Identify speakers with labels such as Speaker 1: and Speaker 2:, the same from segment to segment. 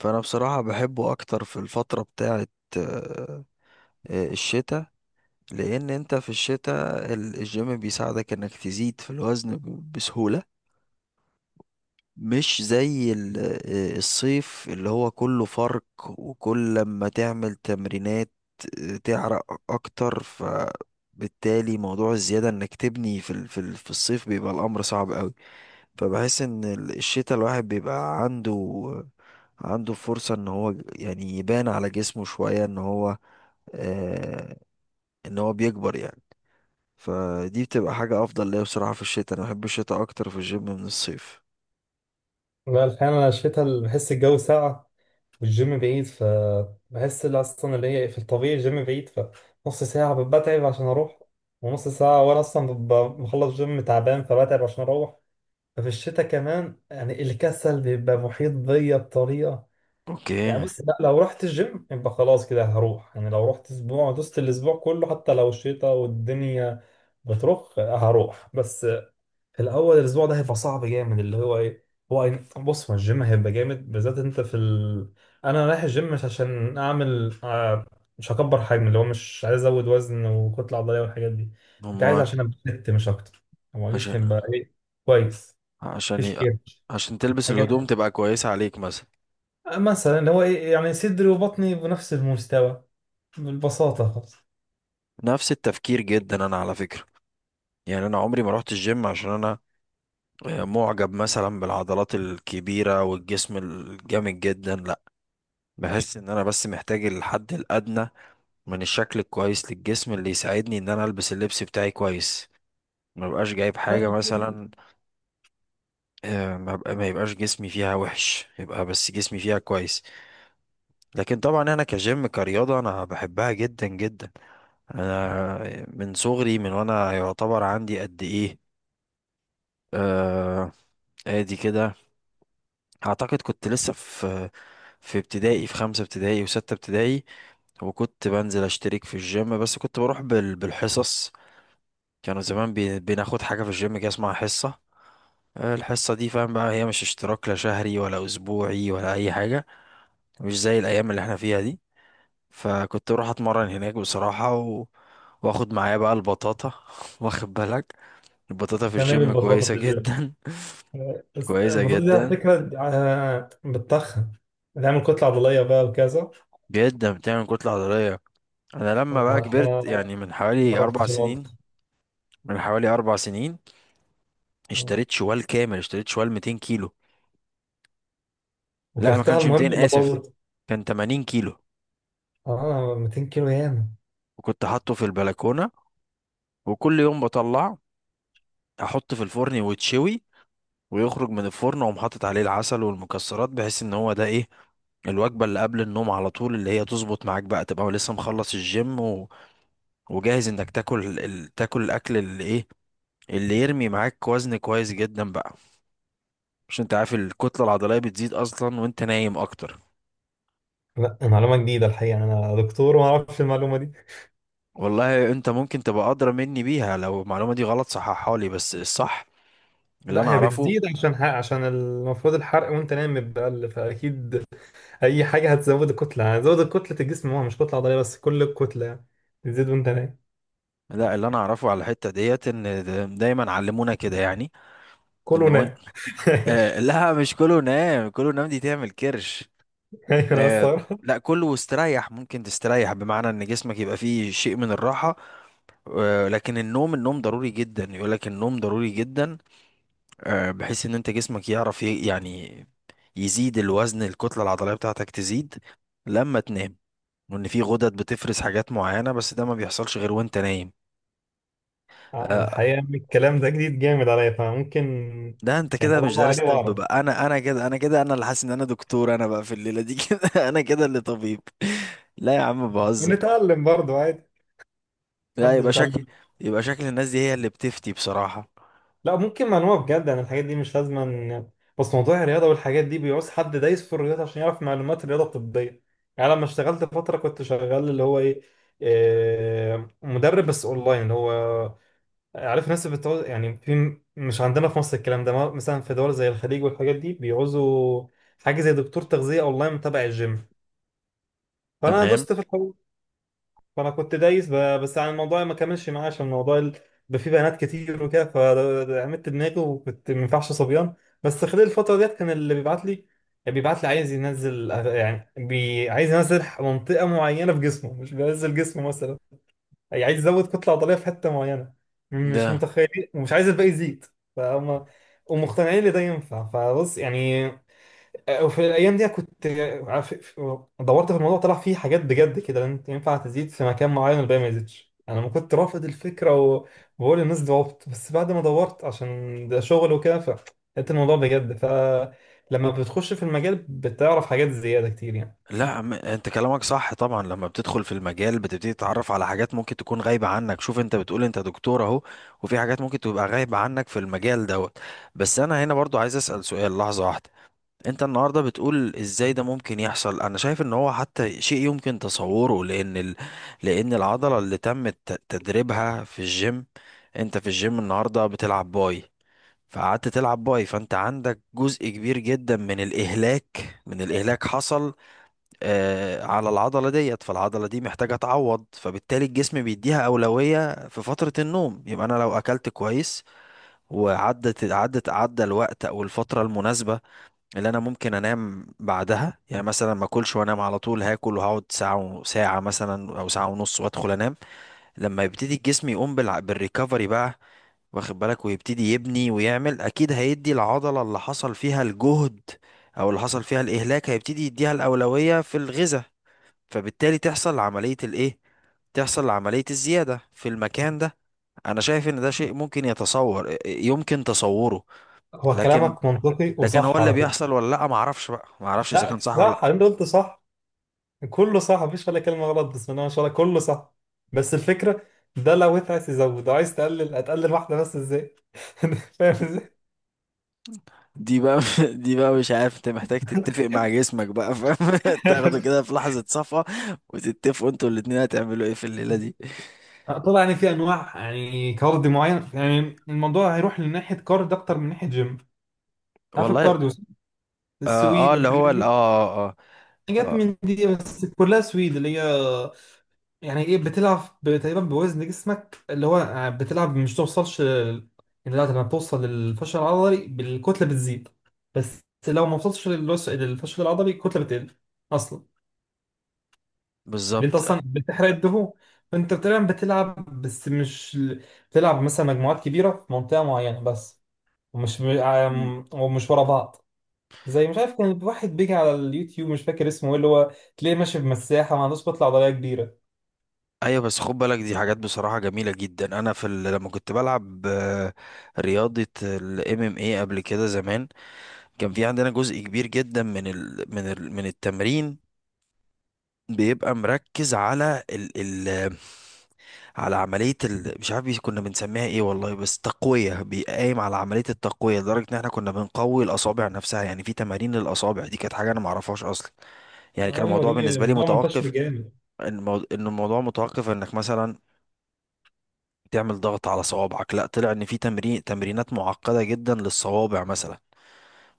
Speaker 1: فانا بصراحة بحبه اكتر في الفترة بتاعت آه، الشتاء. لان انت في الشتاء الجيم بيساعدك انك تزيد في الوزن بسهولة، مش زي الصيف اللي هو كله فرق. وكل ما تعمل تمرينات تعرق اكتر، فبالتالي موضوع الزيادة انك تبني في الصيف بيبقى الامر صعب قوي. فبحس ان الشتا الواحد بيبقى عنده فرصة ان هو يعني يبان على جسمه شوية، آه ان هو بيكبر يعني. فدي بتبقى حاجة افضل ليا بصراحة، في الشتا انا بحب الشتا اكتر في الجيم من الصيف.
Speaker 2: لا، الحقيقة أنا الشتا بحس الجو ساقع والجيم بعيد، فبحس اللي هي في الطبيعي الجيم بعيد. فنص ساعة بتعب عشان أروح، ونص ساعة وأنا أصلا ببقى بخلص جيم تعبان، فبتعب عشان أروح. ففي الشتا كمان يعني الكسل بيبقى محيط بيا بطريقة. يعني
Speaker 1: اوكي.
Speaker 2: بص، لا لو رحت الجيم يبقى خلاص كده هروح. يعني لو رحت أسبوع دوست الأسبوع كله، حتى لو الشتا والدنيا بترخ هروح. بس الاول الاسبوع ده هيبقى صعب جامد اللي هو ايه، بص هو الجيم هيبقى جامد، بالذات انت انا رايح الجيم مش عشان اعمل مش هكبر حجم، اللي هو مش عايز ازود وزن وكتله عضليه والحاجات دي، انت عايز
Speaker 1: امال.
Speaker 2: عشان ابلت مش اكتر. هو
Speaker 1: عشان
Speaker 2: جسمي يبقى ايه؟ كويس،
Speaker 1: عشان
Speaker 2: مفيش
Speaker 1: ي...
Speaker 2: كيرش،
Speaker 1: عشان تلبس
Speaker 2: حاجات
Speaker 1: الهدوم
Speaker 2: تانية.
Speaker 1: تبقى كويسة عليك مثلا.
Speaker 2: مثلا اللي هو ايه يعني صدري وبطني بنفس المستوى، بالبساطه خالص.
Speaker 1: نفس التفكير جدا انا على فكرة، يعني انا عمري ما رحت الجيم عشان انا معجب مثلا بالعضلات الكبيرة والجسم الجامد جدا، لا. بحس ان انا بس محتاج الحد الادنى من الشكل الكويس للجسم اللي يساعدني ان انا البس اللبس بتاعي كويس، ما بقاش جايب حاجة مثلا، ما يبقاش جسمي فيها وحش، يبقى بس جسمي فيها كويس. لكن طبعا انا كجيم كرياضة انا بحبها جدا جدا. انا من صغري، من وانا يعتبر عندي قد ايه، آه ادي كده. اعتقد كنت لسه في ابتدائي، في خمسة ابتدائي وستة ابتدائي، وكنت بنزل اشترك في الجيم، بس كنت بروح بالحصص. كانوا زمان بناخد حاجة في الجيم كده اسمها حصة. الحصة دي فاهم بقى، هي مش اشتراك لا شهري ولا أسبوعي ولا أي حاجة، مش زي الأيام اللي احنا فيها دي. فكنت أروح أتمرن هناك بصراحة واخد معايا بقى البطاطا واخد بالك، البطاطا في
Speaker 2: تمام،
Speaker 1: الجيم
Speaker 2: البساطه
Speaker 1: كويسة
Speaker 2: في الجيم،
Speaker 1: جدا.
Speaker 2: بس
Speaker 1: كويسة
Speaker 2: البساطه دي على
Speaker 1: جدا،
Speaker 2: فكره بتتخن، بتعمل كتله عضليه بقى وكذا.
Speaker 1: جدا بتعمل كتلة عضلية. أنا لما
Speaker 2: لا
Speaker 1: بقى
Speaker 2: الحقيقة
Speaker 1: كبرت
Speaker 2: ما
Speaker 1: يعني، من حوالي أربع
Speaker 2: جربتش الوضع.
Speaker 1: سنين، من حوالي أربع سنين اشتريت شوال كامل، اشتريت شوال 200 كيلو. لا ما
Speaker 2: وكلتها
Speaker 1: كانش
Speaker 2: المهم
Speaker 1: 200،
Speaker 2: ولا
Speaker 1: آسف،
Speaker 2: باظت؟
Speaker 1: كان 80 كيلو.
Speaker 2: اه، 200 كيلو ياما.
Speaker 1: وكنت حاطه في البلكونة، وكل يوم بطلعه احط في الفرن ويتشوي، ويخرج من الفرن واقوم حاطط عليه العسل والمكسرات، بحيث ان هو ده ايه، الوجبة اللي قبل النوم على طول، اللي هي تظبط معاك بقى، تبقى لسه مخلص الجيم وجاهز انك تاكل تاكل الاكل اللي ايه، اللي يرمي معاك وزن كويس جدا بقى. مش انت عارف الكتلة العضلية بتزيد اصلا وانت نايم اكتر.
Speaker 2: لا معلومة جديدة الحقيقة، أنا دكتور وما أعرفش المعلومة دي.
Speaker 1: والله انت ممكن تبقى ادرى مني بيها، لو المعلومة دي غلط صححها لي، بس الصح اللي
Speaker 2: لا
Speaker 1: انا
Speaker 2: هي
Speaker 1: اعرفه.
Speaker 2: بتزيد عشان حق، عشان المفروض الحرق وأنت نايم بيقل، فأكيد أي حاجة هتزود الكتلة، يعني زود كتلة الجسم، هو مش كتلة عضلية بس، كل الكتلة يعني بتزيد وأنت نايم.
Speaker 1: لا، اللي انا اعرفه على الحته ديت، ان دايما علمونا كده، يعني.
Speaker 2: كله
Speaker 1: ان وان...
Speaker 2: نايم ماشي.
Speaker 1: لا، مش كله نام، كله نام دي تعمل كرش.
Speaker 2: أيوة أنا
Speaker 1: آه
Speaker 2: الصراحة
Speaker 1: لا، كله استريح، ممكن تستريح بمعنى ان جسمك يبقى فيه شيء من الراحه. لكن النوم، النوم ضروري جدا، يقول لك النوم ضروري جدا. بحيث ان انت جسمك يعرف يعني يزيد الوزن، الكتله العضليه بتاعتك تزيد لما تنام. وان في غدد بتفرز حاجات معينه، بس ده ما بيحصلش غير وانت نايم. آه،
Speaker 2: الحقيقة إن الكلام ده جديد جامد عليا، فممكن
Speaker 1: ده انت
Speaker 2: يعني
Speaker 1: كده مش
Speaker 2: أدور
Speaker 1: دارس
Speaker 2: عليه
Speaker 1: طب
Speaker 2: وأعرف.
Speaker 1: بقى. انا اللي حاسس ان انا دكتور، انا بقى في الليله دي كده انا كده اللي طبيب. لا يا عم بهزر.
Speaker 2: بنتعلم برضه عادي،
Speaker 1: لا،
Speaker 2: محدش بيتعلم.
Speaker 1: يبقى شكل الناس دي هي اللي بتفتي بصراحه.
Speaker 2: لا ممكن معلومة بجد، انا الحاجات دي مش لازم بس موضوع الرياضة والحاجات دي بيعوز حد دايس في الرياضة عشان يعرف معلومات الرياضة الطبية. يعني لما اشتغلت فترة كنت شغال اللي هو ايه، مدرب بس اونلاين، اللي هو عارف الناس بتعوز، يعني في مش عندنا في مصر الكلام ده مثلا في دول زي الخليج والحاجات دي بيعوزوا حاجة زي دكتور تغذية اونلاين تبع الجيم. فانا
Speaker 1: تمام.
Speaker 2: دوست في الحوار، فانا كنت دايس بس عن الموضوع ما كملش معايا، عشان الموضوع بقى فيه بنات كتير وكده فعملت دماغي، وكنت ما ينفعش صبيان. بس خلال الفتره ديت كان اللي بيبعت لي، يعني بيبعت لي عايز ينزل، يعني بي عايز ينزل منطقه معينه في جسمه مش بينزل جسمه مثلا، يعني عايز يزود كتله عضليه في حته معينه، مش
Speaker 1: ده،
Speaker 2: متخيلين، ومش عايز الباقي يزيد. فهم ومقتنعين ان ده ينفع، فبص يعني. وفي الايام دي كنت عارف- دورت في الموضوع، طلع فيه حاجات بجد كده، لان انت ينفع تزيد في مكان معين والباقي ما يزيدش. انا ما كنت رافض الفكره وبقول للناس دي عبط، بس بعد ما دورت عشان ده شغل وكده فلقيت الموضوع بجد. فلما بتخش في المجال بتعرف حاجات زياده كتير يعني.
Speaker 1: لا انت كلامك صح طبعا، لما بتدخل في المجال بتبتدي تتعرف على حاجات ممكن تكون غايبه عنك. شوف، انت بتقول انت دكتور اهو، وفي حاجات ممكن تبقى غايبه عنك في المجال دوت. بس انا هنا برضو عايز اسال سؤال، لحظه واحده. انت النهارده بتقول ازاي ده ممكن يحصل؟ انا شايف ان هو حتى شيء يمكن تصوره، لان لان العضله اللي تم تدريبها في الجيم. انت في الجيم النهارده بتلعب باي، فقعدت تلعب باي، فانت عندك جزء كبير جدا من الاهلاك، حصل على العضله ديت، فالعضله دي محتاجه تعوض. فبالتالي الجسم بيديها اولويه في فتره النوم، يبقى انا لو اكلت كويس وعدت عدت عدى الوقت او الفتره المناسبه اللي انا ممكن انام بعدها، يعني مثلا ما اكلش وانام على طول، هاكل وهقعد ساعه ساعه مثلا، او ساعه ونص وادخل انام. لما يبتدي الجسم يقوم بالريكفري بقى، واخد بالك، ويبتدي يبني ويعمل، اكيد هيدي العضله اللي حصل فيها الجهد او اللي حصل فيها الاهلاك، هيبتدي يديها الاولويه في الغذاء. فبالتالي تحصل عمليه الايه، تحصل عمليه الزياده في المكان ده. انا شايف ان ده شيء ممكن يتصور يمكن تصوره.
Speaker 2: هو
Speaker 1: لكن
Speaker 2: كلامك منطقي
Speaker 1: لكن هو
Speaker 2: وصح
Speaker 1: اللي
Speaker 2: على فكره.
Speaker 1: بيحصل ولا لا، ما اعرفش بقى، ما اعرفش اذا
Speaker 2: لا
Speaker 1: كان صح ولا لا.
Speaker 2: صح، اللي انت قلته صح، كله صح، مفيش ولا كلمه غلط، بسم الله ما شاء الله، كله صح. بس الفكره، ده لو انت عايز تزود عايز تقلل، هتقلل واحده بس ازاي؟ فاهم ازاي؟
Speaker 1: دي بقى دي بقى مش عارف، انت محتاج تتفق مع جسمك بقى، فاهم؟ تاخده كده في لحظة صفا، وتتفقوا انتوا الاتنين هتعملوا ايه في الليلة دي.
Speaker 2: طبعا يعني في انواع يعني كارديو معين، يعني الموضوع هيروح لناحيه كارد اكتر من ناحيه جيم. عارف
Speaker 1: والله.
Speaker 2: الكارديو،
Speaker 1: اه,
Speaker 2: السويد
Speaker 1: آه اللي هو
Speaker 2: والحاجات
Speaker 1: ال- اه
Speaker 2: دي،
Speaker 1: اه, آه
Speaker 2: حاجات
Speaker 1: آه،
Speaker 2: من دي بس كلها سويد، اللي هي يعني ايه بتلعب تقريبا بوزن جسمك، اللي هو بتلعب مش توصلش يعني لا، لما بتوصل للفشل العضلي بالكتله بتزيد، بس لو ما وصلتش للفشل العضلي الكتله بتقل اصلا، اللي انت
Speaker 1: بالظبط.
Speaker 2: اصلا بتحرق الدهون، فانت تقريبا بتلعب بس مش بتلعب مثلا مجموعات كبيره في منطقه معينه بس، ومش
Speaker 1: مم.
Speaker 2: ومش ورا بعض. زي مش عارف كان واحد بيجي على اليوتيوب مش فاكر اسمه ايه، اللي هو تلاقيه ماشي بمساحه ما عندوش كتله عضليه كبيره.
Speaker 1: ايوه، بس خد بالك دي حاجات بصراحه جميله جدا. انا في لما كنت بلعب رياضه الام ام اي قبل كده زمان، كان في عندنا جزء كبير جدا من التمرين بيبقى مركز على عملية مش عارف كنا بنسميها ايه والله، بس تقوية، بيقايم على عملية التقوية، لدرجة ان احنا كنا بنقوي الأصابع نفسها. يعني في تمارين للأصابع، دي كانت حاجة انا معرفهاش أصلا، يعني كان
Speaker 2: ايوه
Speaker 1: الموضوع
Speaker 2: دي
Speaker 1: بالنسبة لي
Speaker 2: موضوع منتشر
Speaker 1: متوقف.
Speaker 2: جامد.
Speaker 1: إن الموضوع متوقف انك مثلا تعمل ضغط على صوابعك، لا طلع ان في تمرينات معقدة جدا للصوابع مثلا،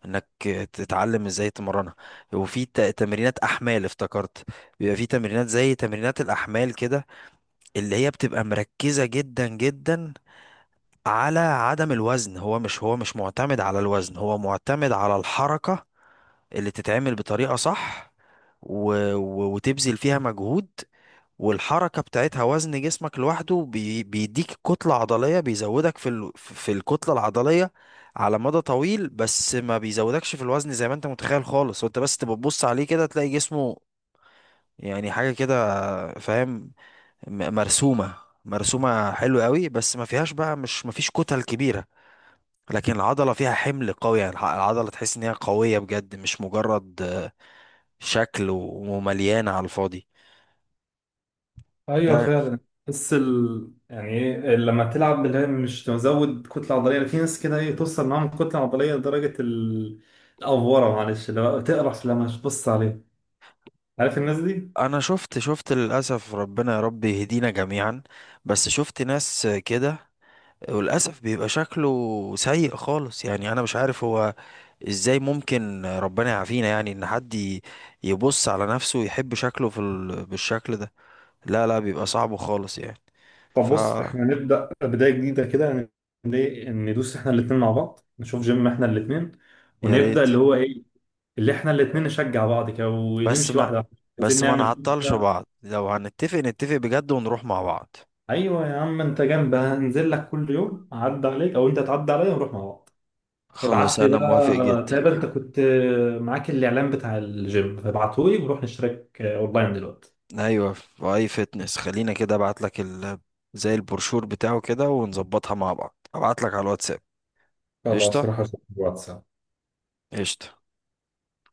Speaker 1: انك تتعلم ازاي تمرنها. وفي تمرينات احمال افتكرت، بيبقى في تمرينات زي تمرينات الاحمال كده، اللي هي بتبقى مركزة جدا جدا على عدم الوزن. هو مش معتمد على الوزن، هو معتمد على الحركة اللي تتعمل بطريقة صح و... وتبذل فيها مجهود. والحركة بتاعتها وزن جسمك لوحده بيديك كتلة عضلية، بيزودك في الكتلة العضلية على مدى طويل، بس ما بيزودكش في الوزن زي ما انت متخيل خالص. وانت بس تبقى تبص عليه كده تلاقي جسمه يعني حاجة كده، فاهم؟ م- مرسومة مرسومة حلو قوي، بس ما فيهاش بقى، مش ما فيش كتل كبيرة. لكن العضلة فيها حمل قوي، يعني العضلة تحس ان هي قوية بجد، مش مجرد شكل ومليانة على الفاضي.
Speaker 2: ايوه
Speaker 1: ده
Speaker 2: فعلا. بس يعني ايه لما تلعب اللي هي مش مزود كتله عضليه، في ناس كده ايه توصل معاهم كتله عضليه لدرجه الافوره، معلش اللي هو تقرف لما تبص عليه، عارف الناس دي.
Speaker 1: انا شفت للأسف، ربنا يا رب يهدينا جميعا. بس شفت ناس كده، وللأسف بيبقى شكله سيء خالص. يعني انا مش عارف هو ازاي ممكن، ربنا يعافينا، يعني ان حد يبص على نفسه ويحب شكله بالشكل ده. لا لا، بيبقى صعب خالص يعني.
Speaker 2: طب
Speaker 1: ف
Speaker 2: بص احنا نبدأ بداية جديدة كده، ندوس احنا الاتنين مع بعض، نشوف جيم احنا الاتنين
Speaker 1: يا
Speaker 2: ونبدأ
Speaker 1: ريت.
Speaker 2: اللي هو ايه، اللي احنا الاتنين نشجع بعض كده
Speaker 1: بس
Speaker 2: ونمشي
Speaker 1: ما
Speaker 2: واحدة واحدة، عايزين
Speaker 1: بس ما
Speaker 2: نعمل
Speaker 1: نعطلش
Speaker 2: كده.
Speaker 1: بعض، لو هنتفق نتفق بجد ونروح مع بعض.
Speaker 2: ايوه يا عم، انت جنب هنزل لك كل يوم، اعدي عليك او انت تعدي عليا ونروح مع بعض.
Speaker 1: خلاص
Speaker 2: ابعت لي
Speaker 1: انا موافق
Speaker 2: بقى،
Speaker 1: جدا.
Speaker 2: تقريبا انت كنت معاك الاعلان بتاع الجيم، فابعته لي ونروح نشترك اونلاين دلوقتي.
Speaker 1: ايوه في اي فتنس، خلينا كده ابعت لك زي البروشور بتاعه كده ونظبطها مع بعض، ابعت لك على الواتساب.
Speaker 2: خلاص
Speaker 1: قشطه.
Speaker 2: هروح اشوف الواتساب.
Speaker 1: قشطه.